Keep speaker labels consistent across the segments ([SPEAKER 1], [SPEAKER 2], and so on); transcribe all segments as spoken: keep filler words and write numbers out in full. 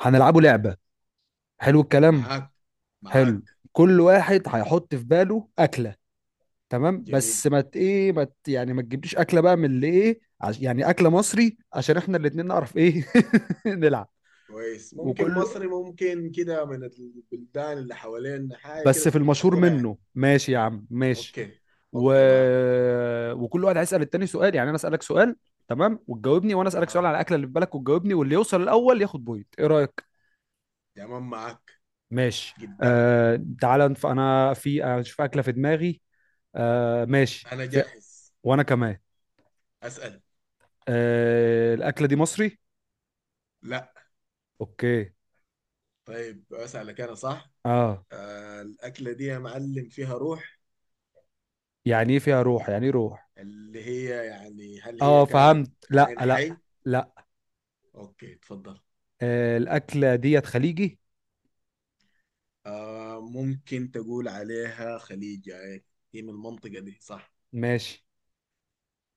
[SPEAKER 1] هنلعبه لعبة. حلو الكلام.
[SPEAKER 2] معاك.
[SPEAKER 1] حلو.
[SPEAKER 2] معاك.
[SPEAKER 1] كل واحد هيحط في باله أكلة. تمام بس
[SPEAKER 2] جميل.
[SPEAKER 1] ما ت- ايه ما ت- يعني ما تجيبليش أكلة بقى من اللي ايه عش، يعني أكلة مصري عشان احنا الاتنين نعرف ايه. نلعب.
[SPEAKER 2] كويس، ممكن
[SPEAKER 1] وكل
[SPEAKER 2] مصري، ممكن كده من البلدان اللي حوالينا حاجة كده
[SPEAKER 1] بس في
[SPEAKER 2] تكون
[SPEAKER 1] المشهور
[SPEAKER 2] مشهورة يعني.
[SPEAKER 1] منه. ماشي يا عم ماشي.
[SPEAKER 2] اوكي.
[SPEAKER 1] و...
[SPEAKER 2] اوكي معاك.
[SPEAKER 1] وكل واحد هيسأل التاني سؤال، يعني انا أسألك سؤال، تمام، وتجاوبني، وانا أسألك سؤال
[SPEAKER 2] اها،
[SPEAKER 1] على الأكلة اللي في بالك وتجاوبني، واللي يوصل الأول ياخد بوينت. ايه رأيك؟
[SPEAKER 2] تمام معاك.
[SPEAKER 1] ماشي.
[SPEAKER 2] قدام.
[SPEAKER 1] آه تعالى نف- انا في اشوف اكله في دماغي. آه ماشي
[SPEAKER 2] انا
[SPEAKER 1] في...
[SPEAKER 2] جاهز.
[SPEAKER 1] وانا كمان.
[SPEAKER 2] اسأل.
[SPEAKER 1] آه الاكله دي مصري؟
[SPEAKER 2] لا.
[SPEAKER 1] اوكي.
[SPEAKER 2] طيب اسألك انا صح.
[SPEAKER 1] اه.
[SPEAKER 2] آه، الأكلة دي يا معلم فيها روح؟
[SPEAKER 1] يعني ايه فيها روح؟ يعني ايه روح؟
[SPEAKER 2] اللي هي يعني هل هي
[SPEAKER 1] اه
[SPEAKER 2] كانت
[SPEAKER 1] فهمت. لا
[SPEAKER 2] كائن
[SPEAKER 1] لا.
[SPEAKER 2] حي؟
[SPEAKER 1] لا.
[SPEAKER 2] اوكي، تفضل.
[SPEAKER 1] آه الاكله ديت خليجي؟
[SPEAKER 2] آه، ممكن تقول عليها خليجة. هي من المنطقة دي صح؟
[SPEAKER 1] ماشي.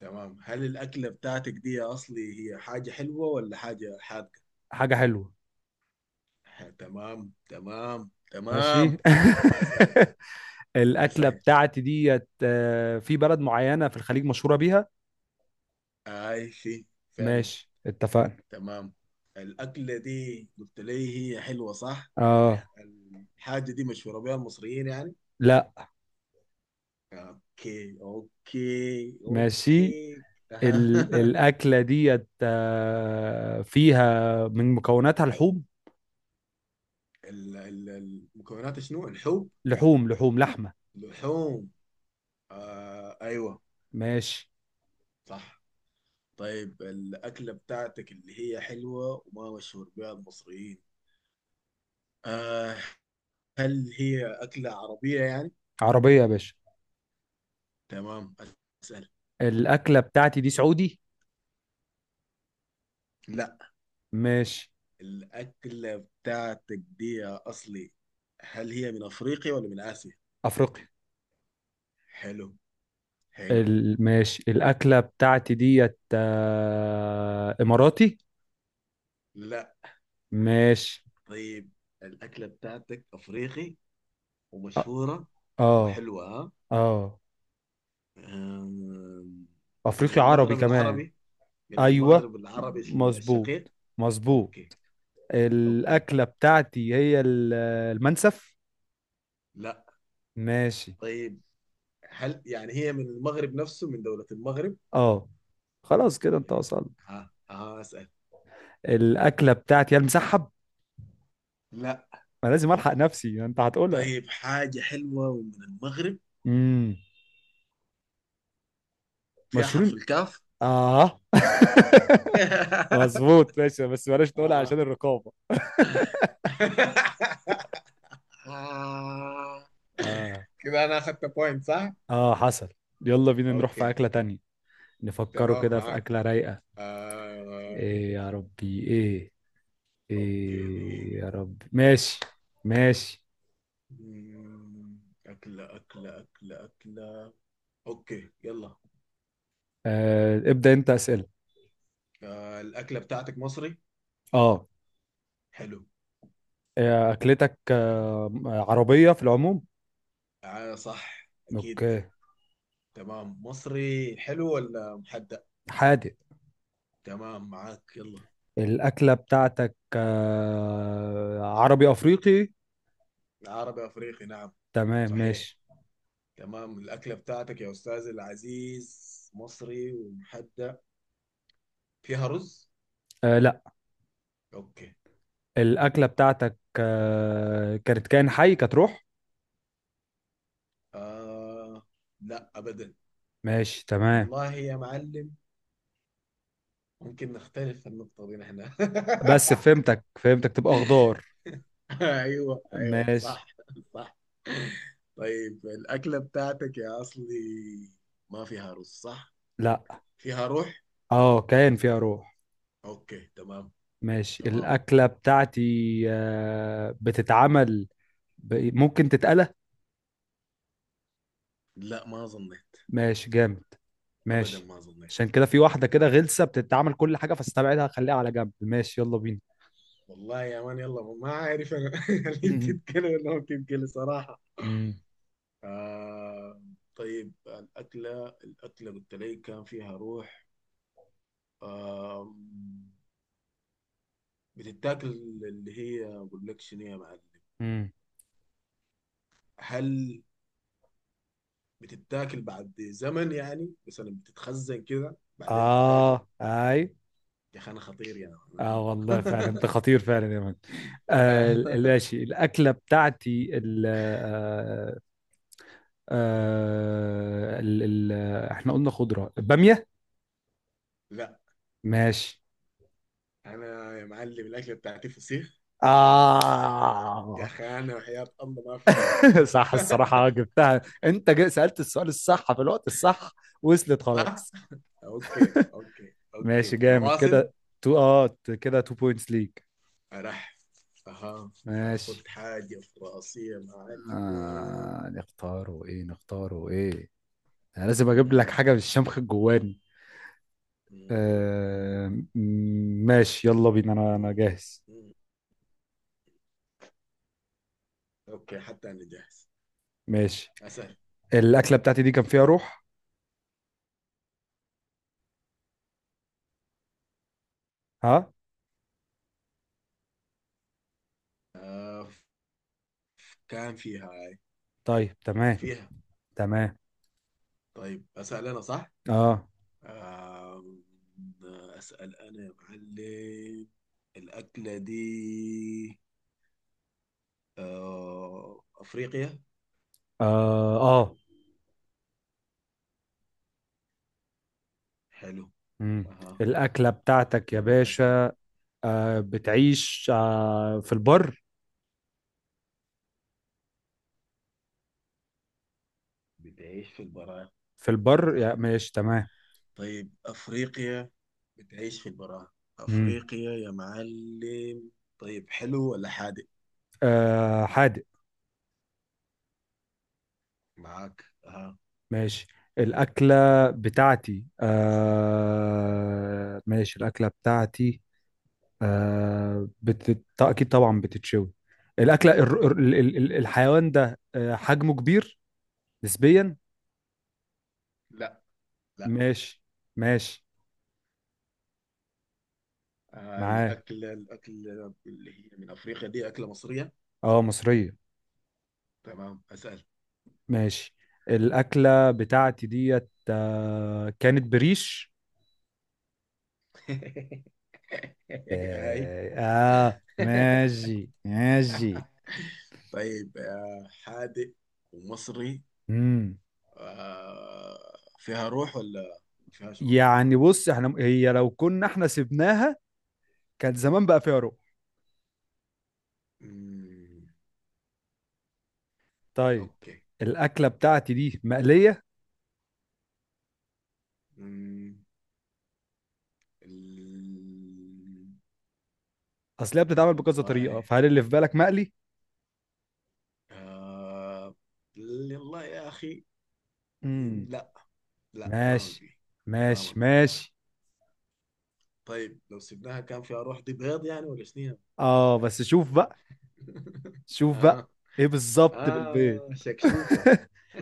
[SPEAKER 2] تمام، هل الأكلة بتاعتك دي يا أصلي هي حاجة حلوة ولا حاجة حادقة؟
[SPEAKER 1] حاجه حلوه.
[SPEAKER 2] ح- تمام تمام تمام.
[SPEAKER 1] ماشي.
[SPEAKER 2] أسهل.
[SPEAKER 1] الاكله
[SPEAKER 2] أسهل.
[SPEAKER 1] بتاعتي ديت آه في بلد معينه في الخليج مشهوره بيها.
[SPEAKER 2] أي شيء فعلا.
[SPEAKER 1] ماشي اتفقنا.
[SPEAKER 2] تمام، الأكلة دي قلت لي هي حلوة صح؟
[SPEAKER 1] اه.
[SPEAKER 2] الح- الحاجة دي مشهورة بها المصريين يعني؟
[SPEAKER 1] لا.
[SPEAKER 2] أوكي أوكي
[SPEAKER 1] ماشي.
[SPEAKER 2] أوكي.
[SPEAKER 1] ال... الاكله ديت آه فيها من مكوناتها لحوم.
[SPEAKER 2] ال- ال- المكونات شنو؟ الحب؟
[SPEAKER 1] لحوم لحوم لحمه.
[SPEAKER 2] لحوم. آه أيوه.
[SPEAKER 1] ماشي.
[SPEAKER 2] صح. طيب الأكلة بتاعتك اللي هي حلوة وما مشهور بها المصريين، آه، هل هي أكلة عربية يعني؟
[SPEAKER 1] عربية يا باشا.
[SPEAKER 2] تمام، أسأل.
[SPEAKER 1] الأكلة بتاعتي دي سعودي؟
[SPEAKER 2] لا.
[SPEAKER 1] ماشي.
[SPEAKER 2] الأكلة بتاعتك دي يا أصلي، هل هي من أفريقيا ولا من آسيا؟
[SPEAKER 1] أفريقي.
[SPEAKER 2] حلو. حلو.
[SPEAKER 1] ال... ماشي. الأكلة بتاعتي ديت آه... إماراتي؟
[SPEAKER 2] لا.
[SPEAKER 1] ماشي.
[SPEAKER 2] طيب الأكلة بتاعتك أفريقي
[SPEAKER 1] آه.
[SPEAKER 2] ومشهورة
[SPEAKER 1] آه.
[SPEAKER 2] وحلوة، ها؟
[SPEAKER 1] آه.
[SPEAKER 2] آم، من
[SPEAKER 1] أفريقي عربي
[SPEAKER 2] المغرب
[SPEAKER 1] كمان.
[SPEAKER 2] العربي. من
[SPEAKER 1] أيوة.
[SPEAKER 2] المغرب العربي الشقيق.
[SPEAKER 1] مظبوط. مظبوط.
[SPEAKER 2] أوكي. أوكي.
[SPEAKER 1] الأكلة بتاعتي هي ال- المنسف.
[SPEAKER 2] لا.
[SPEAKER 1] ماشي.
[SPEAKER 2] طيب هل يعني هي من المغرب نفسه، من دولة المغرب؟
[SPEAKER 1] آه. خلاص كده أنت
[SPEAKER 2] طيب.
[SPEAKER 1] وصلت.
[SPEAKER 2] ها ها، اسأل.
[SPEAKER 1] الأكلة بتاعتي هي المسحب.
[SPEAKER 2] لا.
[SPEAKER 1] ما لازم ألحق نفسي، أنت هتقولها.
[SPEAKER 2] طيب، حاجة حلوة ومن المغرب،
[SPEAKER 1] امم.
[SPEAKER 2] فيها حرف
[SPEAKER 1] مشهورين.
[SPEAKER 2] الكاف.
[SPEAKER 1] اه. مظبوط ماشي، بس بلاش نقولها
[SPEAKER 2] آه.
[SPEAKER 1] عشان الرقابة.
[SPEAKER 2] آه.
[SPEAKER 1] اه.
[SPEAKER 2] كده انا اخدت بوينت صح؟
[SPEAKER 1] اه حصل. يلا بينا نروح في
[SPEAKER 2] اوكي.
[SPEAKER 1] أكلة تانية. نفكروا
[SPEAKER 2] تمام
[SPEAKER 1] كده في
[SPEAKER 2] معاك.
[SPEAKER 1] أكلة رايقة.
[SPEAKER 2] آه.
[SPEAKER 1] ايه يا ربي ايه.
[SPEAKER 2] اوكي،
[SPEAKER 1] ايه
[SPEAKER 2] دقيقة.
[SPEAKER 1] يا ربي. ماشي. ماشي.
[SPEAKER 2] مم، أكلة أكلة أكلة أكلة. أوكي يلا.
[SPEAKER 1] آه ابدأ انت أسئلة.
[SPEAKER 2] آه، الأكلة بتاعتك مصري.
[SPEAKER 1] اه.
[SPEAKER 2] حلو.
[SPEAKER 1] آه، أكلتك آه عربية في العموم.
[SPEAKER 2] آه صح أكيد.
[SPEAKER 1] اوكي.
[SPEAKER 2] تمام، مصري حلو ولا محدق؟
[SPEAKER 1] حادق.
[SPEAKER 2] تمام معاك، يلا.
[SPEAKER 1] الأكلة بتاعتك آه عربي أفريقي.
[SPEAKER 2] العربي افريقي، نعم.
[SPEAKER 1] تمام
[SPEAKER 2] صحيح.
[SPEAKER 1] ماشي.
[SPEAKER 2] تمام، الاكله بتاعتك يا استاذ العزيز مصري ومحدق، فيها رز؟
[SPEAKER 1] آه لا.
[SPEAKER 2] اوكي.
[SPEAKER 1] الأكلة بتاعتك آه، كانت كائن حي، كانت روح؟
[SPEAKER 2] آه، لا ابدا.
[SPEAKER 1] ماشي تمام.
[SPEAKER 2] والله يا معلم ممكن نختلف في النقطه دي نحن.
[SPEAKER 1] بس فهمتك فهمتك، تبقى خضار.
[SPEAKER 2] ايوه ايوه
[SPEAKER 1] ماشي.
[SPEAKER 2] صح. صح. طيب الاكله بتاعتك يا اصلي، ما فيها رز صح؟
[SPEAKER 1] لا.
[SPEAKER 2] فيها روح.
[SPEAKER 1] اه كائن فيها روح.
[SPEAKER 2] اوكي تمام.
[SPEAKER 1] ماشي.
[SPEAKER 2] تمام.
[SPEAKER 1] الأكلة بتاعتي آه، بتتعمل. ب- ممكن تتقلى.
[SPEAKER 2] لا ما اظن.
[SPEAKER 1] ماشي جامد.
[SPEAKER 2] ابدا،
[SPEAKER 1] ماشي.
[SPEAKER 2] ما ظنيت.
[SPEAKER 1] عشان كده في واحدة كده غلسة بتتعمل كل حاجة، فاستبعدها خليها على جنب. ماشي يلا بينا.
[SPEAKER 2] والله يا مان، يلا، ما ما عارف انا. هل بتتكلم ولا ما بتتكلم صراحه؟
[SPEAKER 1] مم.
[SPEAKER 2] آه. طيب الاكله الاكله، قلت لي كان فيها روح، آه، بتتاكل؟ اللي هي اقول لك شنو يا معلم،
[SPEAKER 1] مم.
[SPEAKER 2] هل بتتاكل بعد زمن يعني مثلا، بتتخزن كده بعدين تتاكل؟
[SPEAKER 1] اه اي.
[SPEAKER 2] يا اخي انا خطير يا مان،
[SPEAKER 1] اه
[SPEAKER 2] ها.
[SPEAKER 1] والله فعلا انت خطير فعلا يا مان. آه
[SPEAKER 2] آه.
[SPEAKER 1] ماشي. الاكله بتاعتي ال آه آه ال ال احنا قلنا خضره؟ باميه؟
[SPEAKER 2] لا.
[SPEAKER 1] ماشي.
[SPEAKER 2] انا يا معلم الاكله بتاعتي فسيخ. يا
[SPEAKER 1] اه.
[SPEAKER 2] اخي انا وحياة الله ما في زيي.
[SPEAKER 1] صح الصراحه. آه، جبتها انت. جا- سالت السؤال الصح في الوقت الصح. وصلت
[SPEAKER 2] صح؟
[SPEAKER 1] خلاص.
[SPEAKER 2] اوكي اوكي
[SPEAKER 1] ماشي
[SPEAKER 2] اوكي
[SPEAKER 1] جامد
[SPEAKER 2] نواصل.
[SPEAKER 1] كده. تو اه كده تو بوينتس ليك.
[SPEAKER 2] راح. اها. اخذ
[SPEAKER 1] ماشي.
[SPEAKER 2] حاجة في راسي يا
[SPEAKER 1] آه
[SPEAKER 2] معلم.
[SPEAKER 1] نختاره ايه؟ نختاره ايه؟ انا لازم اجيب لك
[SPEAKER 2] مم،
[SPEAKER 1] حاجه بالشمخ الجواني.
[SPEAKER 2] مم، مم،
[SPEAKER 1] آه ماشي يلا بينا. انا انا
[SPEAKER 2] مم،
[SPEAKER 1] جاهز.
[SPEAKER 2] مم. اوكي، حتى انا جاهز.
[SPEAKER 1] ماشي.
[SPEAKER 2] اسال.
[SPEAKER 1] الاكله بتاعتي دي كان فيها روح. ها.
[SPEAKER 2] آه، كان فيها هاي.
[SPEAKER 1] طيب تمام.
[SPEAKER 2] فيها.
[SPEAKER 1] تمام.
[SPEAKER 2] طيب اسال انا صح؟
[SPEAKER 1] اه.
[SPEAKER 2] آه، اسال انا يا معلم. الاكلة دي آه افريقيا.
[SPEAKER 1] اه. اه.
[SPEAKER 2] حلو.
[SPEAKER 1] مم.
[SPEAKER 2] اها.
[SPEAKER 1] الاكله بتاعتك يا
[SPEAKER 2] اسال.
[SPEAKER 1] باشا آه بتعيش آه في البر.
[SPEAKER 2] بتعيش في البراعم.
[SPEAKER 1] في البر، يا
[SPEAKER 2] صح.
[SPEAKER 1] ماشي تمام.
[SPEAKER 2] طيب، أفريقيا، بتعيش في البراءة،
[SPEAKER 1] مم.
[SPEAKER 2] أفريقيا يا معلم. طيب، حلو ولا حادق؟
[SPEAKER 1] آه حادق.
[SPEAKER 2] معاك، أها.
[SPEAKER 1] ماشي. الاكله بتاعتي
[SPEAKER 2] أسأل.
[SPEAKER 1] آه ماشي الاكله بتاعتي آه بت... ط- اكيد طبعا بتتشوي. الاكله الر- الر- ال... ال... ال- الحيوان ده آه حجمه كبير نسبيا.
[SPEAKER 2] لا لا.
[SPEAKER 1] ماشي. ماشي.
[SPEAKER 2] آه،
[SPEAKER 1] معاه.
[SPEAKER 2] الأكلة الأكلة اللي هي من أفريقيا دي أكلة مصرية.
[SPEAKER 1] اه مصريه.
[SPEAKER 2] تمام، أسأل.
[SPEAKER 1] ماشي. الاكله بتاعتي ديت آه كانت بريش.
[SPEAKER 2] هاي.
[SPEAKER 1] اه. آه، ماشي ماشي.
[SPEAKER 2] طيب آه، حادق ومصري،
[SPEAKER 1] امم.
[SPEAKER 2] آه، فيها روح ولا ما فيهاش روح؟
[SPEAKER 1] يعني بص، احنا هي لو كنا احنا سبناها كان زمان بقى فيها روح.
[SPEAKER 2] مم.
[SPEAKER 1] طيب.
[SPEAKER 2] أوكي.
[SPEAKER 1] الاكله بتاعتي دي مقليه.
[SPEAKER 2] مم. ال-
[SPEAKER 1] اصل هي بتتعمل بكذا طريقه،
[SPEAKER 2] والله.
[SPEAKER 1] فهل اللي في بالك مقلي؟
[SPEAKER 2] آه. والله يا أخي
[SPEAKER 1] امم.
[SPEAKER 2] لا. لا ما
[SPEAKER 1] ماشي.
[SPEAKER 2] مقلي. ما
[SPEAKER 1] ماشي
[SPEAKER 2] مقلي.
[SPEAKER 1] ماشي.
[SPEAKER 2] طيب لو سبناها كان فيها روح، دي بيض يعني ولا شنو؟
[SPEAKER 1] اه بس شوف بقى. شوف بقى.
[SPEAKER 2] آه.
[SPEAKER 1] ايه بالظبط بالبيض.
[SPEAKER 2] آه شكشوكة.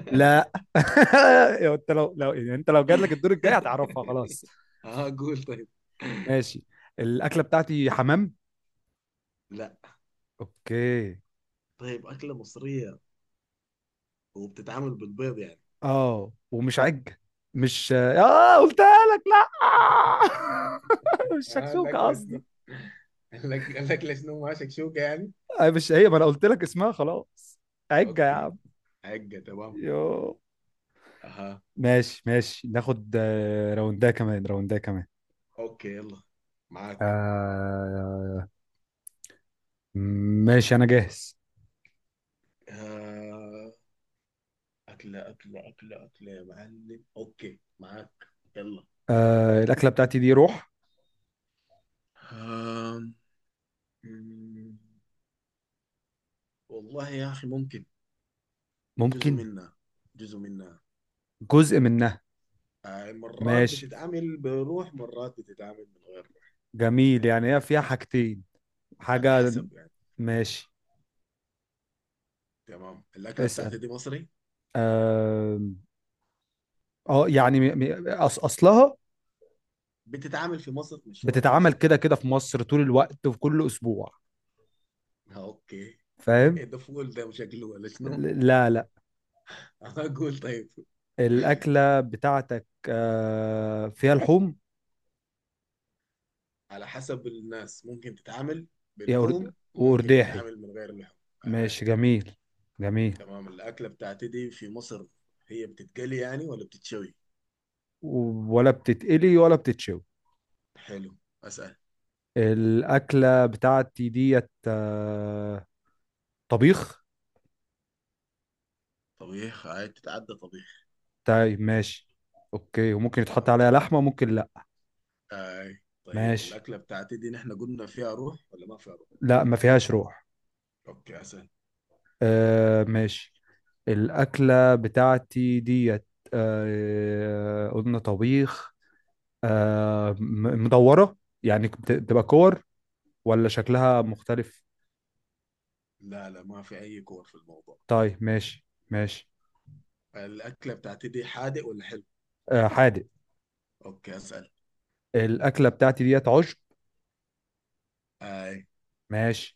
[SPEAKER 1] لا يا انت، لو لو يعني انت لو جات لك الدور الجاي هتعرفها خلاص.
[SPEAKER 2] آه، قول طيب.
[SPEAKER 1] ماشي. الاكله بتاعتي حمام؟
[SPEAKER 2] لا.
[SPEAKER 1] اوكي.
[SPEAKER 2] طيب، أكلة مصرية وبتتعمل بالبيض يعني؟
[SPEAKER 1] اه ومش عج. مش اه قلتها لك. لا مش
[SPEAKER 2] آه،
[SPEAKER 1] شكشوكه
[SPEAKER 2] الأكلة شنو؟
[SPEAKER 1] قصدي.
[SPEAKER 2] الأك- الأكلة شنو، ما شكشوكة يعني؟
[SPEAKER 1] آه، مش هي، ما انا قلت لك اسمها خلاص. عجه يا
[SPEAKER 2] أوكي.
[SPEAKER 1] عم.
[SPEAKER 2] حقة، تمام.
[SPEAKER 1] يو.
[SPEAKER 2] أها.
[SPEAKER 1] ماشي ماشي. ناخد آه، راوندها كمان. راوندها كمان.
[SPEAKER 2] أوكي، يلا معاك.
[SPEAKER 1] آه ماشي انا جاهز.
[SPEAKER 2] آه. أكلة أكلة أكلة أكلة يا معلم. أوكي معاك. يلا.
[SPEAKER 1] آه الاكله بتاعتي دي روح.
[SPEAKER 2] آم، مم، والله يا أخي ممكن. جزء
[SPEAKER 1] ممكن.
[SPEAKER 2] منها. جزء منها.
[SPEAKER 1] جزء منها.
[SPEAKER 2] آه، مرات
[SPEAKER 1] ماشي
[SPEAKER 2] بتتعمل بروح، مرات بتتعمل من غير روح.
[SPEAKER 1] جميل، يعني هي فيها حاجتين.
[SPEAKER 2] على
[SPEAKER 1] حاجه.
[SPEAKER 2] حسب يعني.
[SPEAKER 1] ماشي.
[SPEAKER 2] تمام، الأكلة بتاعتي
[SPEAKER 1] اسال.
[SPEAKER 2] دي مصري،
[SPEAKER 1] اه. آه، يعني م- م- أص اصلها
[SPEAKER 2] بتتعمل في مصر، مشهورة في
[SPEAKER 1] بتتعمل
[SPEAKER 2] مصر.
[SPEAKER 1] كده كده في مصر طول الوقت وفي كل اسبوع.
[SPEAKER 2] آه، أوكي.
[SPEAKER 1] فاهم.
[SPEAKER 2] ده فول ده شكله ولا شنو؟
[SPEAKER 1] لا لا.
[SPEAKER 2] أنا أقول طيب.
[SPEAKER 1] الاكله بتاعتك آه فيها لحوم.
[SPEAKER 2] على حسب الناس، ممكن تتعامل
[SPEAKER 1] يا أرد...
[SPEAKER 2] بلحوم ممكن
[SPEAKER 1] وأرداحي.
[SPEAKER 2] تتعامل من غير لحوم. آه.
[SPEAKER 1] ماشي جميل. جميل.
[SPEAKER 2] تمام، الأكلة بتاعتي دي في مصر، هي بتتقلي يعني ولا بتتشوي؟
[SPEAKER 1] و- ولا بتتقلي ولا بتتشوي.
[SPEAKER 2] حلو. أسأل.
[SPEAKER 1] الأكلة بتاعتي ديت آه، طبيخ.
[SPEAKER 2] طبيخ. هاي، بتتعدى طبيخ.
[SPEAKER 1] طيب ماشي. أوكي، وممكن يتحط
[SPEAKER 2] تمام.
[SPEAKER 1] عليها لحمة ممكن لأ.
[SPEAKER 2] هاي، طيب
[SPEAKER 1] ماشي.
[SPEAKER 2] الأكلة بتاعتي دي نحن قلنا فيها روح ولا ما فيها روح؟
[SPEAKER 1] لأ ما فيهاش روح.
[SPEAKER 2] أوكي، أسأل.
[SPEAKER 1] آه ماشي. الأكلة بتاعتي ديت آه قلنا طبيخ. آه م- مدورة. يعني بت- بتبقى كور، ولا شكلها مختلف؟
[SPEAKER 2] لا لا، ما في أي كور في الموضوع.
[SPEAKER 1] طيب ماشي ماشي.
[SPEAKER 2] الأكلة بتاعتي دي حادق ولا حلو؟
[SPEAKER 1] آه حادق.
[SPEAKER 2] أوكي أسأل.
[SPEAKER 1] الأكلة بتاعتي ديت عشب.
[SPEAKER 2] هاي.
[SPEAKER 1] ماشي.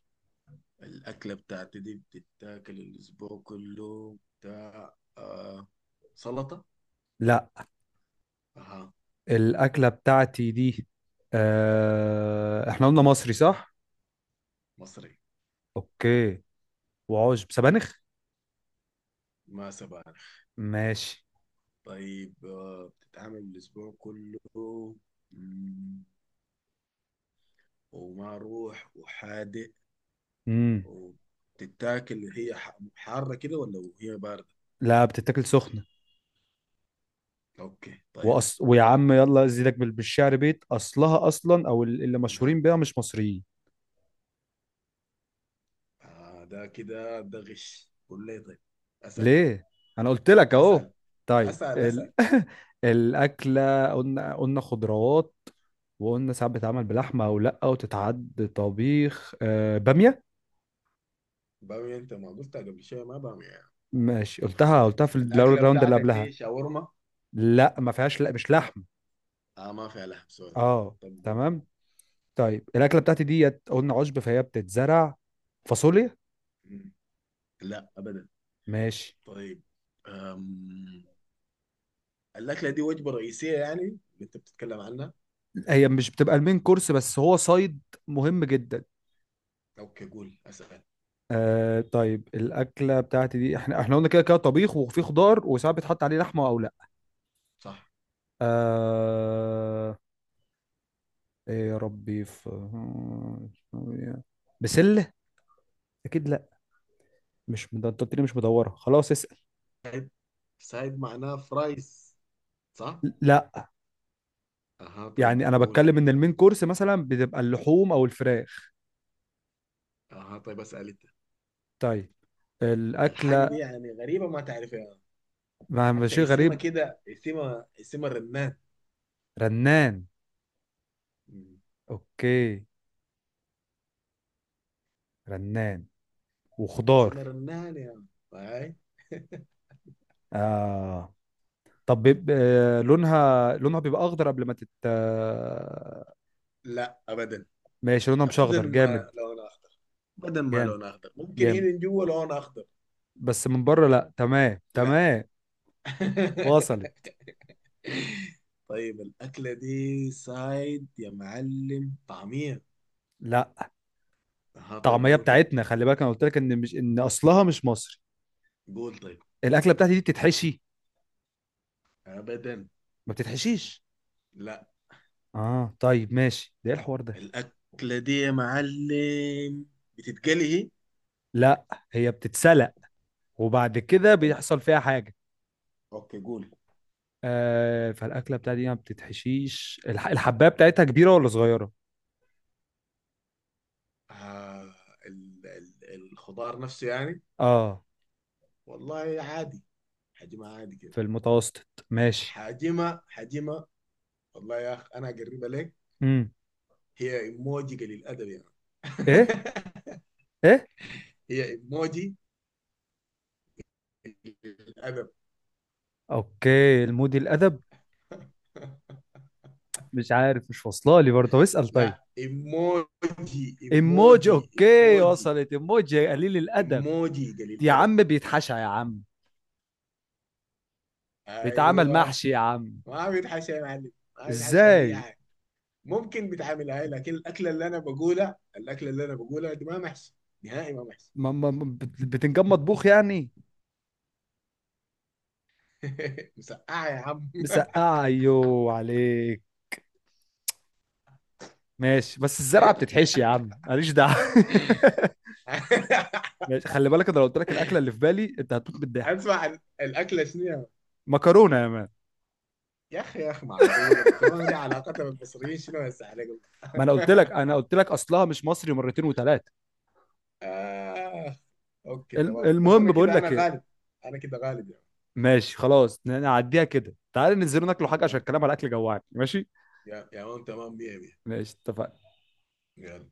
[SPEAKER 2] الأكلة بتاعتي دي بتتاكل الأسبوع كله، بتاع آه سلطة؟
[SPEAKER 1] لا.
[SPEAKER 2] أها.
[SPEAKER 1] الأكلة بتاعتي دي آه... احنا قلنا مصري صح؟
[SPEAKER 2] مصري.
[SPEAKER 1] اوكي. وعشب سبانخ؟
[SPEAKER 2] ما سبق.
[SPEAKER 1] ماشي.
[SPEAKER 2] طيب آه، بتتعامل الأسبوع كله، مم، ومع روح وحادق،
[SPEAKER 1] امم.
[SPEAKER 2] وبتتاكل هي ح- حارة كده ولا هي باردة؟
[SPEAKER 1] لا بتتاكل سخنة.
[SPEAKER 2] أوكي طيب.
[SPEAKER 1] وأص... ويا عم يلا ازيدك بال- بالشعر، بيت اصلها اصلا او ال- اللي
[SPEAKER 2] ها.
[SPEAKER 1] مشهورين بيها مش مصريين.
[SPEAKER 2] آه، ده كده ده غش، قول لي طيب. أسأل
[SPEAKER 1] ليه؟ انا قلت لك اهو.
[SPEAKER 2] أسأل
[SPEAKER 1] طيب
[SPEAKER 2] أسأل أسأل.
[SPEAKER 1] ال... الأكلة قلنا، قلنا خضروات. وقلنا ساعات بتتعمل بلحمة او لا وتتعد طبيخ آه... بامية.
[SPEAKER 2] بامية أنت ما قلتها قبل شوية، ما بامية يعني.
[SPEAKER 1] ماشي، قلتها قلتها في
[SPEAKER 2] الأكلة
[SPEAKER 1] الراوند اللي
[SPEAKER 2] بتاعتك
[SPEAKER 1] قبلها.
[SPEAKER 2] دي شاورما؟
[SPEAKER 1] لا ما فيهاش، لا مش لحم.
[SPEAKER 2] آه، ما فيها لحم سوري.
[SPEAKER 1] اه
[SPEAKER 2] طب قول.
[SPEAKER 1] تمام. طيب الاكله بتاعتي ديت قلنا عشب فهي بتتزرع. فاصوليا.
[SPEAKER 2] مم. لا أبدا.
[SPEAKER 1] ماشي.
[SPEAKER 2] طيب. أم، الأكلة دي وجبة رئيسية يعني اللي أنت بتتكلم عنها؟
[SPEAKER 1] هي مش بتبقى المين كورس، بس هو صيد مهم جدا.
[SPEAKER 2] أوكي قول، أسأل.
[SPEAKER 1] آه طيب الاكله بتاعتي دي احنا احنا قلنا كده كده طبيخ وفي خضار وساعات بيتحط عليه لحمه او لا.
[SPEAKER 2] صح.
[SPEAKER 1] آه ايه يا ربي في. بسله. اكيد لا. مش مد- انت قلت لي مش مدوره خلاص. اسال.
[SPEAKER 2] سايد. سايد معناها فرايز صح.
[SPEAKER 1] لا.
[SPEAKER 2] أها طيب
[SPEAKER 1] يعني انا
[SPEAKER 2] قول.
[SPEAKER 1] بتكلم ان المين كورس مثلا بتبقى اللحوم او الفراخ.
[SPEAKER 2] أها طيب أسأل أنت.
[SPEAKER 1] طيب.
[SPEAKER 2] الحاجة دي
[SPEAKER 1] الاكله.
[SPEAKER 2] يعني غريبة ما تعرفها.
[SPEAKER 1] ما ما شيء
[SPEAKER 2] حتى اسمها
[SPEAKER 1] غريب.
[SPEAKER 2] كده، اسمها اسمها رنان.
[SPEAKER 1] رنان.
[SPEAKER 2] مم.
[SPEAKER 1] اوكي. رنان وخضار.
[SPEAKER 2] اسمها رنان يعني. هاي.
[SPEAKER 1] آه طب بيبقى لونها، لونها بيبقى اخضر قبل ما تت آه،
[SPEAKER 2] لا أبدا.
[SPEAKER 1] ماشي. لونها مش
[SPEAKER 2] أبدا
[SPEAKER 1] اخضر جامد.
[SPEAKER 2] ما لون أخضر. أبدا ما
[SPEAKER 1] جامد
[SPEAKER 2] لون أخضر. ممكن هنا
[SPEAKER 1] جامد.
[SPEAKER 2] من جوا لون أخضر.
[SPEAKER 1] بس من بره لا. تمام
[SPEAKER 2] لا.
[SPEAKER 1] تمام. وصلت.
[SPEAKER 2] طيب، الأكلة دي سايد يا معلم، طعمية؟
[SPEAKER 1] لا.
[SPEAKER 2] ها طيب
[SPEAKER 1] الطعميه
[SPEAKER 2] قول.
[SPEAKER 1] بتاعتنا، خلي بالك انا قلت لك ان مش ان اصلها مش مصري.
[SPEAKER 2] قول طيب.
[SPEAKER 1] الاكله بتاعتي دي بتتحشي.
[SPEAKER 2] ابدا.
[SPEAKER 1] ما بتتحشيش.
[SPEAKER 2] لا.
[SPEAKER 1] اه طيب ماشي. ده ايه الحوار ده.
[SPEAKER 2] الاكله دي يا معلم بتتقلي هي؟
[SPEAKER 1] لا هي بتتسلق وبعد كده
[SPEAKER 2] لا لا.
[SPEAKER 1] بيحصل فيها حاجة.
[SPEAKER 2] اوكي قول.
[SPEAKER 1] آه فالأكلة بتاعتي دي ما بتتحشيش. الح... الحباية بتاعتها كبيرة ولا صغيرة؟
[SPEAKER 2] آه، ال ال الخضار نفسه يعني؟
[SPEAKER 1] اه.
[SPEAKER 2] والله عادي، حجمها عادي كده.
[SPEAKER 1] في المتوسط. ماشي.
[SPEAKER 2] حجمها، حجمها، والله يا اخ انا اقربها لك.
[SPEAKER 1] امم.
[SPEAKER 2] هي ايموجي قليل الادب يعني.
[SPEAKER 1] ايه. ايه.
[SPEAKER 2] هي ايموجي قليل الادب.
[SPEAKER 1] اوكي المودي الأدب. مش عارف، مش واصلة لي برضه. اسأل طيب.
[SPEAKER 2] لا ايموجي
[SPEAKER 1] ايموجي
[SPEAKER 2] ايموجي
[SPEAKER 1] اوكي
[SPEAKER 2] ايموجي.
[SPEAKER 1] وصلت. ايموجي قليل الأدب.
[SPEAKER 2] ايموجي قليل
[SPEAKER 1] يا
[SPEAKER 2] الادب.
[SPEAKER 1] عم بيتحشى يا عم. بيتعمل
[SPEAKER 2] ايوه.
[SPEAKER 1] محشي يا عم.
[SPEAKER 2] ما بيتحشى يا معلم، ما بيتحشى ولا اي
[SPEAKER 1] ازاي؟
[SPEAKER 2] حاجه. ممكن بيتعامل هاي، لكن الاكله اللي انا بقولها، الاكله اللي انا بقولها دي ما محشي، نهائي ما محشي.
[SPEAKER 1] ما ما ما- بت- بتنجان مطبوخ يعني.
[SPEAKER 2] مسقعه يا عم.
[SPEAKER 1] مسقعة ايوه عليك. ماشي، بس الزرعه بتتحشي يا عم ماليش دعوه. ماشي، خلي بالك انا لو قلت لك الاكله اللي في بالي انت هتموت بالضحك.
[SPEAKER 2] اسمع، ال- الاكله شنو يا.
[SPEAKER 1] مكرونه يا مان.
[SPEAKER 2] يا اخي، يا اخي معقوله المكرونه دي علاقتها بالمصريين شنو هسه عليك الله.
[SPEAKER 1] ما انا قلت لك، انا قلت لك اصلها مش مصري مرتين وثلاثه.
[SPEAKER 2] آه. اوكي تمام، بس
[SPEAKER 1] المهم
[SPEAKER 2] انا
[SPEAKER 1] بقول
[SPEAKER 2] كده انا
[SPEAKER 1] لك ايه.
[SPEAKER 2] غالب. انا كده غالب يا عم.
[SPEAKER 1] ماشي خلاص نعديها كده. تعالى ننزل ناكلوا حاجه عشان
[SPEAKER 2] تمام.
[SPEAKER 1] الكلام على الاكل جوعني. ماشي.
[SPEAKER 2] يا يا عم، تمام مية.
[SPEAKER 1] ماشي اتفقنا.
[SPEAKER 2] مية.